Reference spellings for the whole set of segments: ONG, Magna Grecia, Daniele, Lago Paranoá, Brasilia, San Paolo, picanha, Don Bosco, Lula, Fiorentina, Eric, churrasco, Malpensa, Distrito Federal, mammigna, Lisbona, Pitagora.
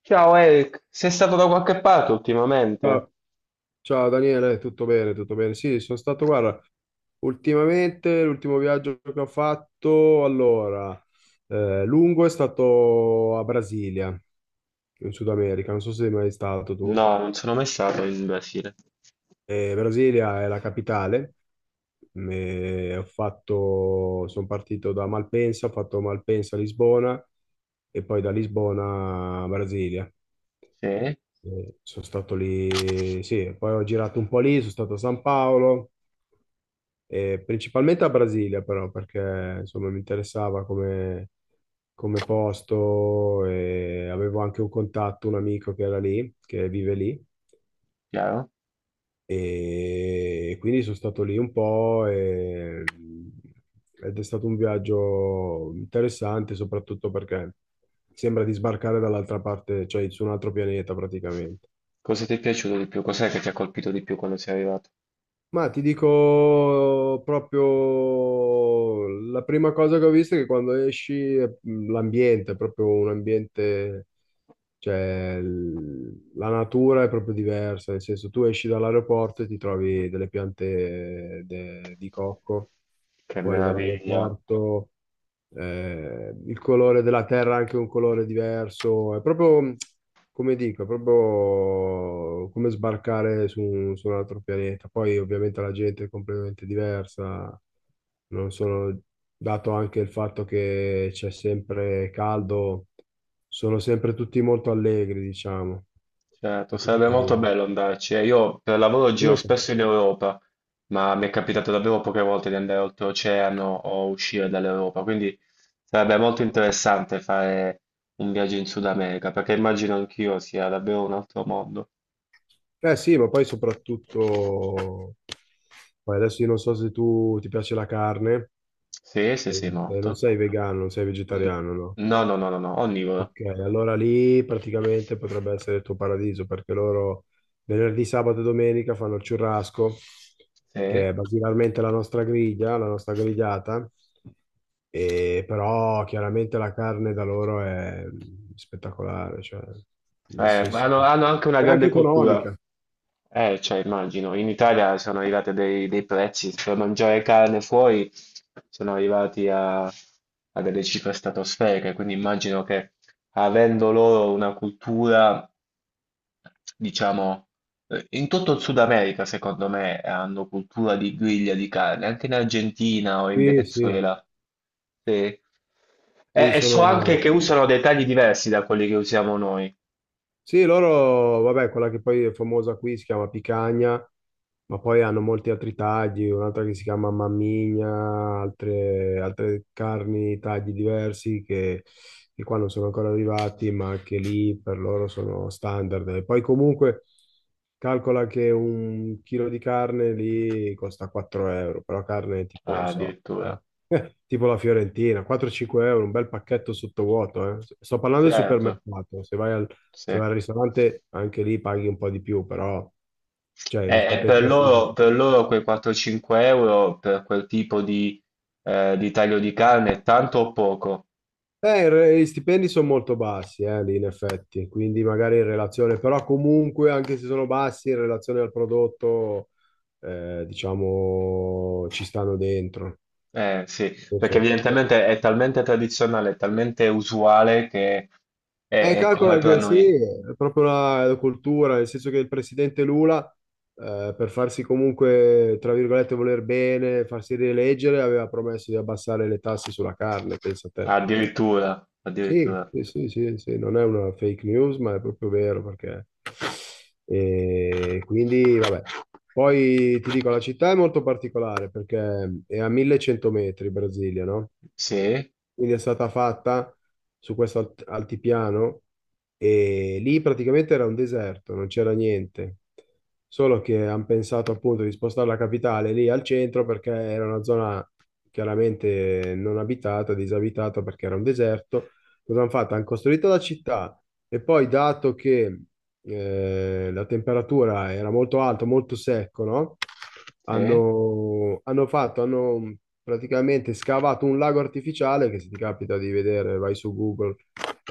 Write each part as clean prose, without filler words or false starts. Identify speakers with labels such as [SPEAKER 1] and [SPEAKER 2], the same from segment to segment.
[SPEAKER 1] Ciao Eric, sei stato da qualche parte ultimamente?
[SPEAKER 2] Ciao, ciao Daniele, tutto bene, tutto bene. Sì, sono stato, guarda, ultimamente l'ultimo viaggio che ho fatto, allora, lungo è stato a Brasilia, in Sud America, non so se sei mai stato tu.
[SPEAKER 1] No, non sono mai stato in Brasile.
[SPEAKER 2] Brasilia è la capitale, e ho fatto, sono partito da Malpensa, ho fatto Malpensa a Lisbona e poi da Lisbona a Brasilia.
[SPEAKER 1] Sì,
[SPEAKER 2] Sono stato lì, sì, poi ho girato un po' lì, sono stato a San Paolo. E principalmente a Brasilia, però, perché insomma mi interessava come, come posto e avevo anche un contatto, un amico che era lì, che vive lì,
[SPEAKER 1] chiaro.
[SPEAKER 2] e quindi sono stato lì un po' ed è stato un viaggio interessante, soprattutto perché sembra di sbarcare dall'altra parte, cioè su un altro pianeta praticamente.
[SPEAKER 1] Cosa ti è piaciuto di più? Cos'è che ti ha colpito di più quando sei arrivato?
[SPEAKER 2] Ma ti dico proprio la prima cosa che ho visto è che quando esci l'ambiente è proprio un ambiente, cioè la natura è proprio diversa, nel senso tu esci dall'aeroporto e ti trovi delle piante di cocco
[SPEAKER 1] Che
[SPEAKER 2] fuori
[SPEAKER 1] meraviglia.
[SPEAKER 2] dall'aeroporto, il colore della terra è anche un colore diverso, è proprio come dico, è proprio come sbarcare su, su un altro pianeta. Poi ovviamente la gente è completamente diversa, non sono, dato anche il fatto che c'è sempre caldo, sono sempre tutti molto allegri, diciamo.
[SPEAKER 1] Certo,
[SPEAKER 2] E
[SPEAKER 1] sarebbe molto
[SPEAKER 2] quindi-
[SPEAKER 1] bello andarci. Io per lavoro giro
[SPEAKER 2] Come stai?
[SPEAKER 1] spesso in Europa, ma mi è capitato davvero poche volte di andare oltreoceano o uscire dall'Europa, quindi sarebbe molto interessante fare un viaggio in Sud America, perché immagino anch'io sia davvero un altro mondo.
[SPEAKER 2] Eh sì, ma poi soprattutto, poi adesso io non so se tu ti piace la carne,
[SPEAKER 1] Sì, sì,
[SPEAKER 2] eh,
[SPEAKER 1] sì,
[SPEAKER 2] non
[SPEAKER 1] molto.
[SPEAKER 2] sei vegano, non sei
[SPEAKER 1] Mm.
[SPEAKER 2] vegetariano, no?
[SPEAKER 1] No, no, no, no, no, onnivora.
[SPEAKER 2] Ok, allora lì praticamente potrebbe essere il tuo paradiso perché loro venerdì, sabato e domenica fanno il churrasco,
[SPEAKER 1] Sì.
[SPEAKER 2] che è basilarmente la nostra griglia, la nostra grigliata, e però chiaramente la carne da loro è spettacolare, cioè nel senso
[SPEAKER 1] Hanno anche una
[SPEAKER 2] è anche
[SPEAKER 1] grande cultura.
[SPEAKER 2] economica.
[SPEAKER 1] Cioè, immagino, in Italia sono arrivati dei prezzi per mangiare carne fuori, sono arrivati a delle cifre stratosferiche, quindi immagino che avendo loro una cultura, diciamo, in tutto il Sud America, secondo me, hanno cultura di griglia di carne, anche in Argentina o in
[SPEAKER 2] Sì, sì,
[SPEAKER 1] Venezuela. Sì.
[SPEAKER 2] sì,
[SPEAKER 1] E so anche
[SPEAKER 2] sono...
[SPEAKER 1] che usano dei tagli diversi da quelli che usiamo noi,
[SPEAKER 2] Sì, loro, vabbè, quella che poi è famosa qui si chiama picagna, ma poi hanno molti altri tagli, un'altra che si chiama mammigna, altre, altre carni, tagli diversi che qua non sono ancora arrivati, ma che lì per loro sono standard. E poi comunque calcola che un chilo di carne lì costa 4 euro, però carne tipo, non
[SPEAKER 1] ah,
[SPEAKER 2] so,
[SPEAKER 1] addirittura.
[SPEAKER 2] tipo, tipo la Fiorentina, 4-5 euro, un bel pacchetto sottovuoto, eh. Sto parlando del
[SPEAKER 1] Certo,
[SPEAKER 2] supermercato, se vai al,
[SPEAKER 1] sì.
[SPEAKER 2] se vai al ristorante anche lì paghi un po' di più, però cioè,
[SPEAKER 1] E
[SPEAKER 2] rispetto ai
[SPEAKER 1] per
[SPEAKER 2] prezzi che ci
[SPEAKER 1] loro, per loro quei 4-5 euro per quel tipo di taglio di carne è tanto o poco?
[SPEAKER 2] Il gli stipendi sono molto bassi, lì in effetti, quindi magari in relazione, però comunque anche se sono bassi in relazione al prodotto, diciamo, ci stanno dentro. Nel
[SPEAKER 1] Sì, perché
[SPEAKER 2] senso-
[SPEAKER 1] evidentemente è talmente tradizionale, è talmente usuale che è come
[SPEAKER 2] Calcola
[SPEAKER 1] per
[SPEAKER 2] che sì,
[SPEAKER 1] noi.
[SPEAKER 2] è proprio la, la cultura, nel senso che il presidente Lula, per farsi comunque, tra virgolette, voler bene, farsi rieleggere, aveva promesso di abbassare le tasse sulla carne, pensa te.
[SPEAKER 1] Addirittura,
[SPEAKER 2] Sì,
[SPEAKER 1] addirittura.
[SPEAKER 2] sì, sì, sì, sì, non è una fake news, ma è proprio vero perché... E quindi, vabbè. Poi ti dico, la città è molto particolare perché è a 1100 metri, Brasilia, no?
[SPEAKER 1] Sì,
[SPEAKER 2] Quindi è stata fatta su questo altipiano e lì praticamente era un deserto, non c'era niente. Solo che hanno pensato appunto di spostare la capitale lì al centro perché era una zona chiaramente non abitata, disabitata perché era un deserto, cosa hanno fatto? Hanno costruito la città e poi, dato che la temperatura era molto alta, molto secco, no?
[SPEAKER 1] sì,
[SPEAKER 2] Hanno fatto, hanno praticamente scavato un lago artificiale che se ti capita di vedere, vai su Google,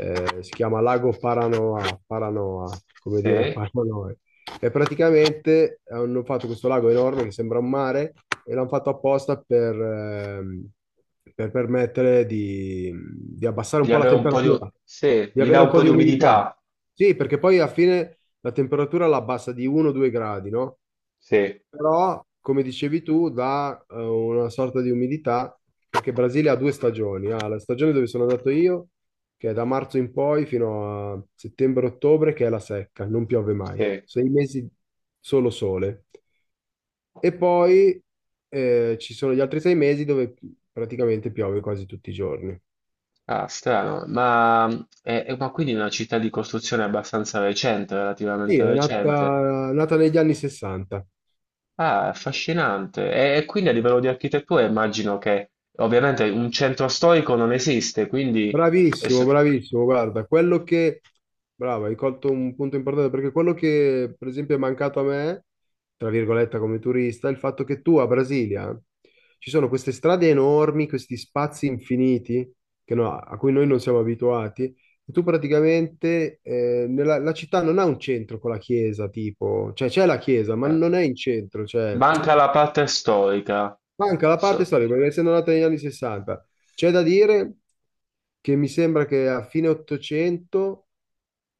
[SPEAKER 2] si chiama Lago Paranoa, Paranoa, come dire
[SPEAKER 1] sì.
[SPEAKER 2] Paranoa. E praticamente hanno fatto questo lago enorme che sembra un mare e l'hanno fatto apposta per permettere di abbassare
[SPEAKER 1] Gli
[SPEAKER 2] un po' la
[SPEAKER 1] dà un po' di,
[SPEAKER 2] temperatura,
[SPEAKER 1] sì,
[SPEAKER 2] di
[SPEAKER 1] gli dà
[SPEAKER 2] avere un
[SPEAKER 1] un
[SPEAKER 2] po'
[SPEAKER 1] po'
[SPEAKER 2] di
[SPEAKER 1] di
[SPEAKER 2] umidità.
[SPEAKER 1] umidità.
[SPEAKER 2] Sì, perché poi alla fine la temperatura la abbassa di 1-2 gradi, no?
[SPEAKER 1] Sì,
[SPEAKER 2] Però, come dicevi tu, dà una sorta di umidità, perché Brasile ha 2 stagioni. Ha la stagione dove sono andato io, che è da marzo in poi fino a settembre-ottobre, che è la secca, non piove mai.
[SPEAKER 1] sì.
[SPEAKER 2] 6 mesi solo sole. E poi ci sono gli altri 6 mesi dove praticamente piove quasi tutti i giorni.
[SPEAKER 1] Ah, strano. Ma, ma quindi è una città di costruzione abbastanza recente,
[SPEAKER 2] Sì,
[SPEAKER 1] relativamente
[SPEAKER 2] è
[SPEAKER 1] recente.
[SPEAKER 2] nata negli anni 60.
[SPEAKER 1] Ah, affascinante. E quindi a livello di architettura immagino che ovviamente un centro storico non esiste, quindi e
[SPEAKER 2] Bravissimo,
[SPEAKER 1] se-
[SPEAKER 2] bravissimo, guarda, quello che, brava, hai colto un punto importante perché quello che per esempio è mancato a me, tra virgolette come turista, è il fatto che tu a Brasilia ci sono queste strade enormi, questi spazi infiniti che no- a cui noi non siamo abituati, e tu praticamente nella, la città non ha un centro con la chiesa, tipo, cioè c'è la chiesa, ma non
[SPEAKER 1] certo.
[SPEAKER 2] è in centro, cioè
[SPEAKER 1] Manca la parte storica.
[SPEAKER 2] manca la parte
[SPEAKER 1] So-
[SPEAKER 2] storica, perché essendo nata negli anni 60, c'è da dire che mi sembra che a fine 800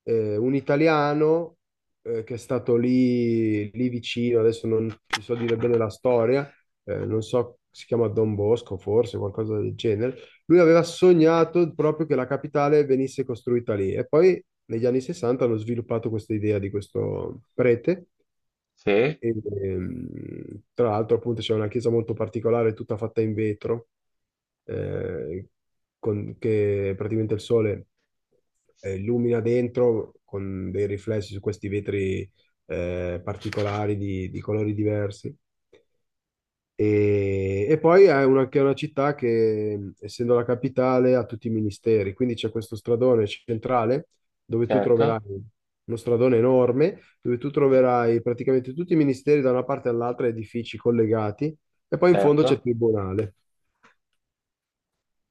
[SPEAKER 2] un italiano che è stato lì, lì vicino, adesso non ti so dire bene la storia, non so, si chiama Don Bosco forse, qualcosa del genere, lui aveva sognato proprio che la capitale venisse costruita lì e poi negli anni 60 hanno sviluppato questa idea di questo prete
[SPEAKER 1] sì,
[SPEAKER 2] e, tra l'altro, appunto, c'è una chiesa molto particolare, tutta fatta in vetro, eh, con- che praticamente il sole illumina dentro con dei riflessi su questi vetri particolari di colori diversi. E poi è una, che è una città che, essendo la capitale, ha tutti i ministeri, quindi c'è questo stradone centrale dove tu
[SPEAKER 1] certo,
[SPEAKER 2] troverai uno stradone enorme, dove tu troverai praticamente tutti i ministeri da una parte all'altra, edifici collegati, e poi in fondo c'è il
[SPEAKER 1] certo.
[SPEAKER 2] tribunale.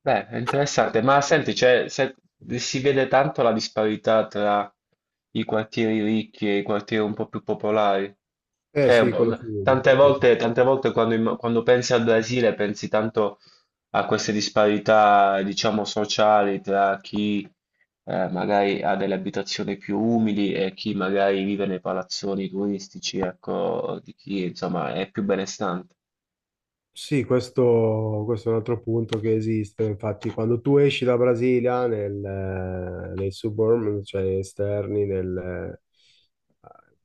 [SPEAKER 1] Beh, è interessante, ma senti, si vede tanto la disparità tra i quartieri ricchi e i quartieri un po' più popolari.
[SPEAKER 2] Eh
[SPEAKER 1] Cioè,
[SPEAKER 2] sì, quello sì, sì.
[SPEAKER 1] tante volte quando, quando pensi al Brasile pensi tanto a queste disparità, diciamo, sociali tra chi, magari ha delle abitazioni più umili e chi magari vive nei palazzoni turistici, ecco, di chi insomma è più benestante.
[SPEAKER 2] Sì, questo è un altro punto che esiste. Infatti, quando tu esci da Brasilia nel, nei suburb, cioè esterni, nel,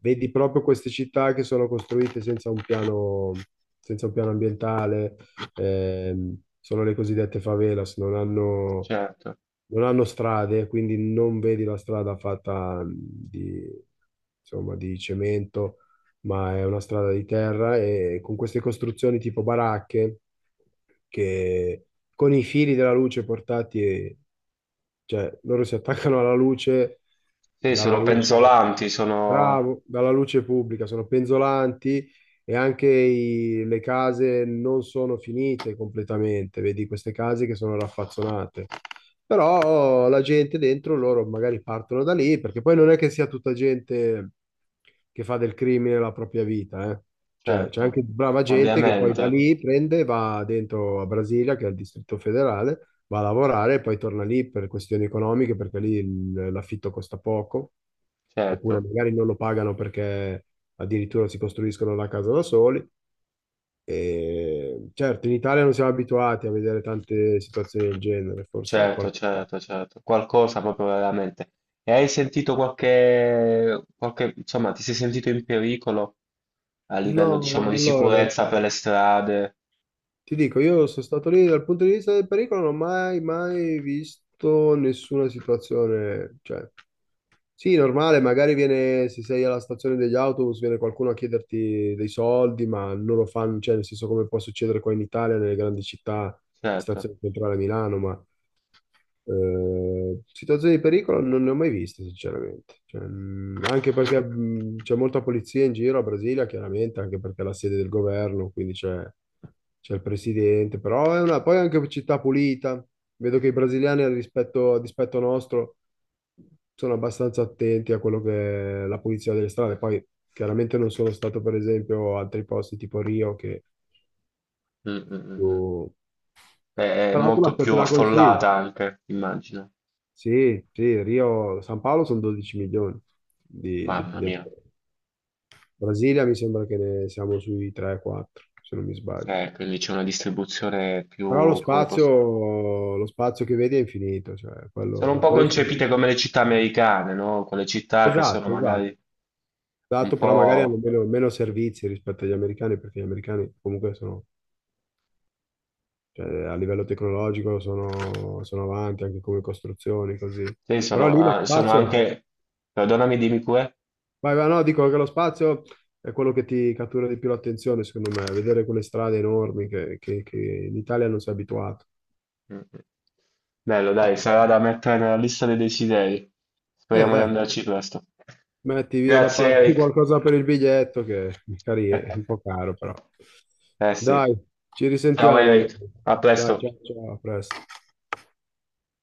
[SPEAKER 2] vedi proprio queste città che sono costruite senza un piano, senza un piano ambientale, sono le cosiddette favelas, non hanno,
[SPEAKER 1] Certo.
[SPEAKER 2] non hanno strade, quindi non vedi la strada fatta di, insomma, di cemento, ma è una strada di terra e con queste costruzioni tipo baracche che con i fili della luce portati, cioè, loro si attaccano alla luce,
[SPEAKER 1] Sì,
[SPEAKER 2] dalla
[SPEAKER 1] sono
[SPEAKER 2] luce,
[SPEAKER 1] penzolanti, sono...
[SPEAKER 2] bravo, dalla luce pubblica, sono penzolanti e anche le case non sono finite completamente, vedi queste case che sono raffazzonate. Però la gente dentro loro magari partono da lì, perché poi non è che sia tutta gente che fa del crimine la propria vita, eh. Cioè, c'è anche
[SPEAKER 1] Certo,
[SPEAKER 2] brava gente che poi da
[SPEAKER 1] ovviamente,
[SPEAKER 2] lì prende e va dentro a Brasilia, che è il Distrito Federale, va a lavorare e poi torna lì per questioni economiche, perché lì l'affitto costa poco, oppure
[SPEAKER 1] certo,
[SPEAKER 2] magari non lo pagano perché addirittura si costruiscono la casa da soli. E certo, in Italia non siamo abituati a vedere tante situazioni del genere, forse
[SPEAKER 1] certo,
[SPEAKER 2] qual-
[SPEAKER 1] certo, certo, qualcosa proprio veramente. E hai sentito insomma, ti sei sentito in pericolo a
[SPEAKER 2] No,
[SPEAKER 1] livello, diciamo, di
[SPEAKER 2] allora,
[SPEAKER 1] sicurezza per le strade?
[SPEAKER 2] ti dico, io sono stato lì dal punto di vista del pericolo, non ho mai, mai visto nessuna situazione, cioè... Sì, normale, magari viene, se sei alla stazione degli autobus, viene qualcuno a chiederti dei soldi, ma non lo fanno, cioè nel senso come può succedere qua in Italia, nelle grandi città,
[SPEAKER 1] Certo.
[SPEAKER 2] stazione centrale Milano, ma situazioni di pericolo non ne ho mai viste, sinceramente. Cioè, anche perché c'è molta polizia in giro a Brasilia, chiaramente, anche perché è la sede del governo, quindi c'è il presidente, però è una, poi è anche una città pulita. Vedo che i brasiliani, al rispetto, a dispetto nostro, sono abbastanza attenti a quello che è la pulizia delle strade. Poi chiaramente non sono stato, per esempio, a altri posti tipo Rio, che
[SPEAKER 1] Mm, mm, mm, mm.
[SPEAKER 2] più...
[SPEAKER 1] È, è
[SPEAKER 2] Però tu la
[SPEAKER 1] molto più
[SPEAKER 2] te la consiglio.
[SPEAKER 1] affollata anche, immagino.
[SPEAKER 2] Sì, sì, Rio, San Paolo sono 12 milioni di, di-
[SPEAKER 1] Mamma
[SPEAKER 2] di-
[SPEAKER 1] mia,
[SPEAKER 2] Brasilia mi sembra che ne siamo sui 3-4, se non mi sbaglio.
[SPEAKER 1] quindi c'è una distribuzione
[SPEAKER 2] Però
[SPEAKER 1] più, come posso...
[SPEAKER 2] lo spazio che vedi è infinito, cioè
[SPEAKER 1] Sono un
[SPEAKER 2] quello,
[SPEAKER 1] po'
[SPEAKER 2] quello sì.
[SPEAKER 1] concepite come le città americane, no? Quelle città che sono
[SPEAKER 2] Esatto, esatto,
[SPEAKER 1] magari un
[SPEAKER 2] esatto, però magari hanno
[SPEAKER 1] po'...
[SPEAKER 2] meno, meno servizi rispetto agli americani, perché gli americani comunque sono, cioè, a livello tecnologico sono, sono avanti anche come costruzioni, così.
[SPEAKER 1] Sì,
[SPEAKER 2] Però
[SPEAKER 1] sono,
[SPEAKER 2] lì lo
[SPEAKER 1] ah, sono
[SPEAKER 2] spazio,
[SPEAKER 1] anche... Perdonami, dimmi pure.
[SPEAKER 2] vai, vai, no, dico che lo spazio è quello che ti cattura di più l'attenzione, secondo me, vedere quelle strade enormi che in Italia non sei abituato.
[SPEAKER 1] Mm. Bello, dai, sarà da mettere nella lista dei desideri. Speriamo di
[SPEAKER 2] Dai,
[SPEAKER 1] andarci presto.
[SPEAKER 2] metti via da
[SPEAKER 1] Grazie,
[SPEAKER 2] parte
[SPEAKER 1] Eric.
[SPEAKER 2] qualcosa per il biglietto, che magari è un po' caro, però.
[SPEAKER 1] Eh sì.
[SPEAKER 2] Dai, ci
[SPEAKER 1] Ciao,
[SPEAKER 2] risentiamo allora.
[SPEAKER 1] Eric. A
[SPEAKER 2] Dai,
[SPEAKER 1] presto.
[SPEAKER 2] ciao, ciao, a presto.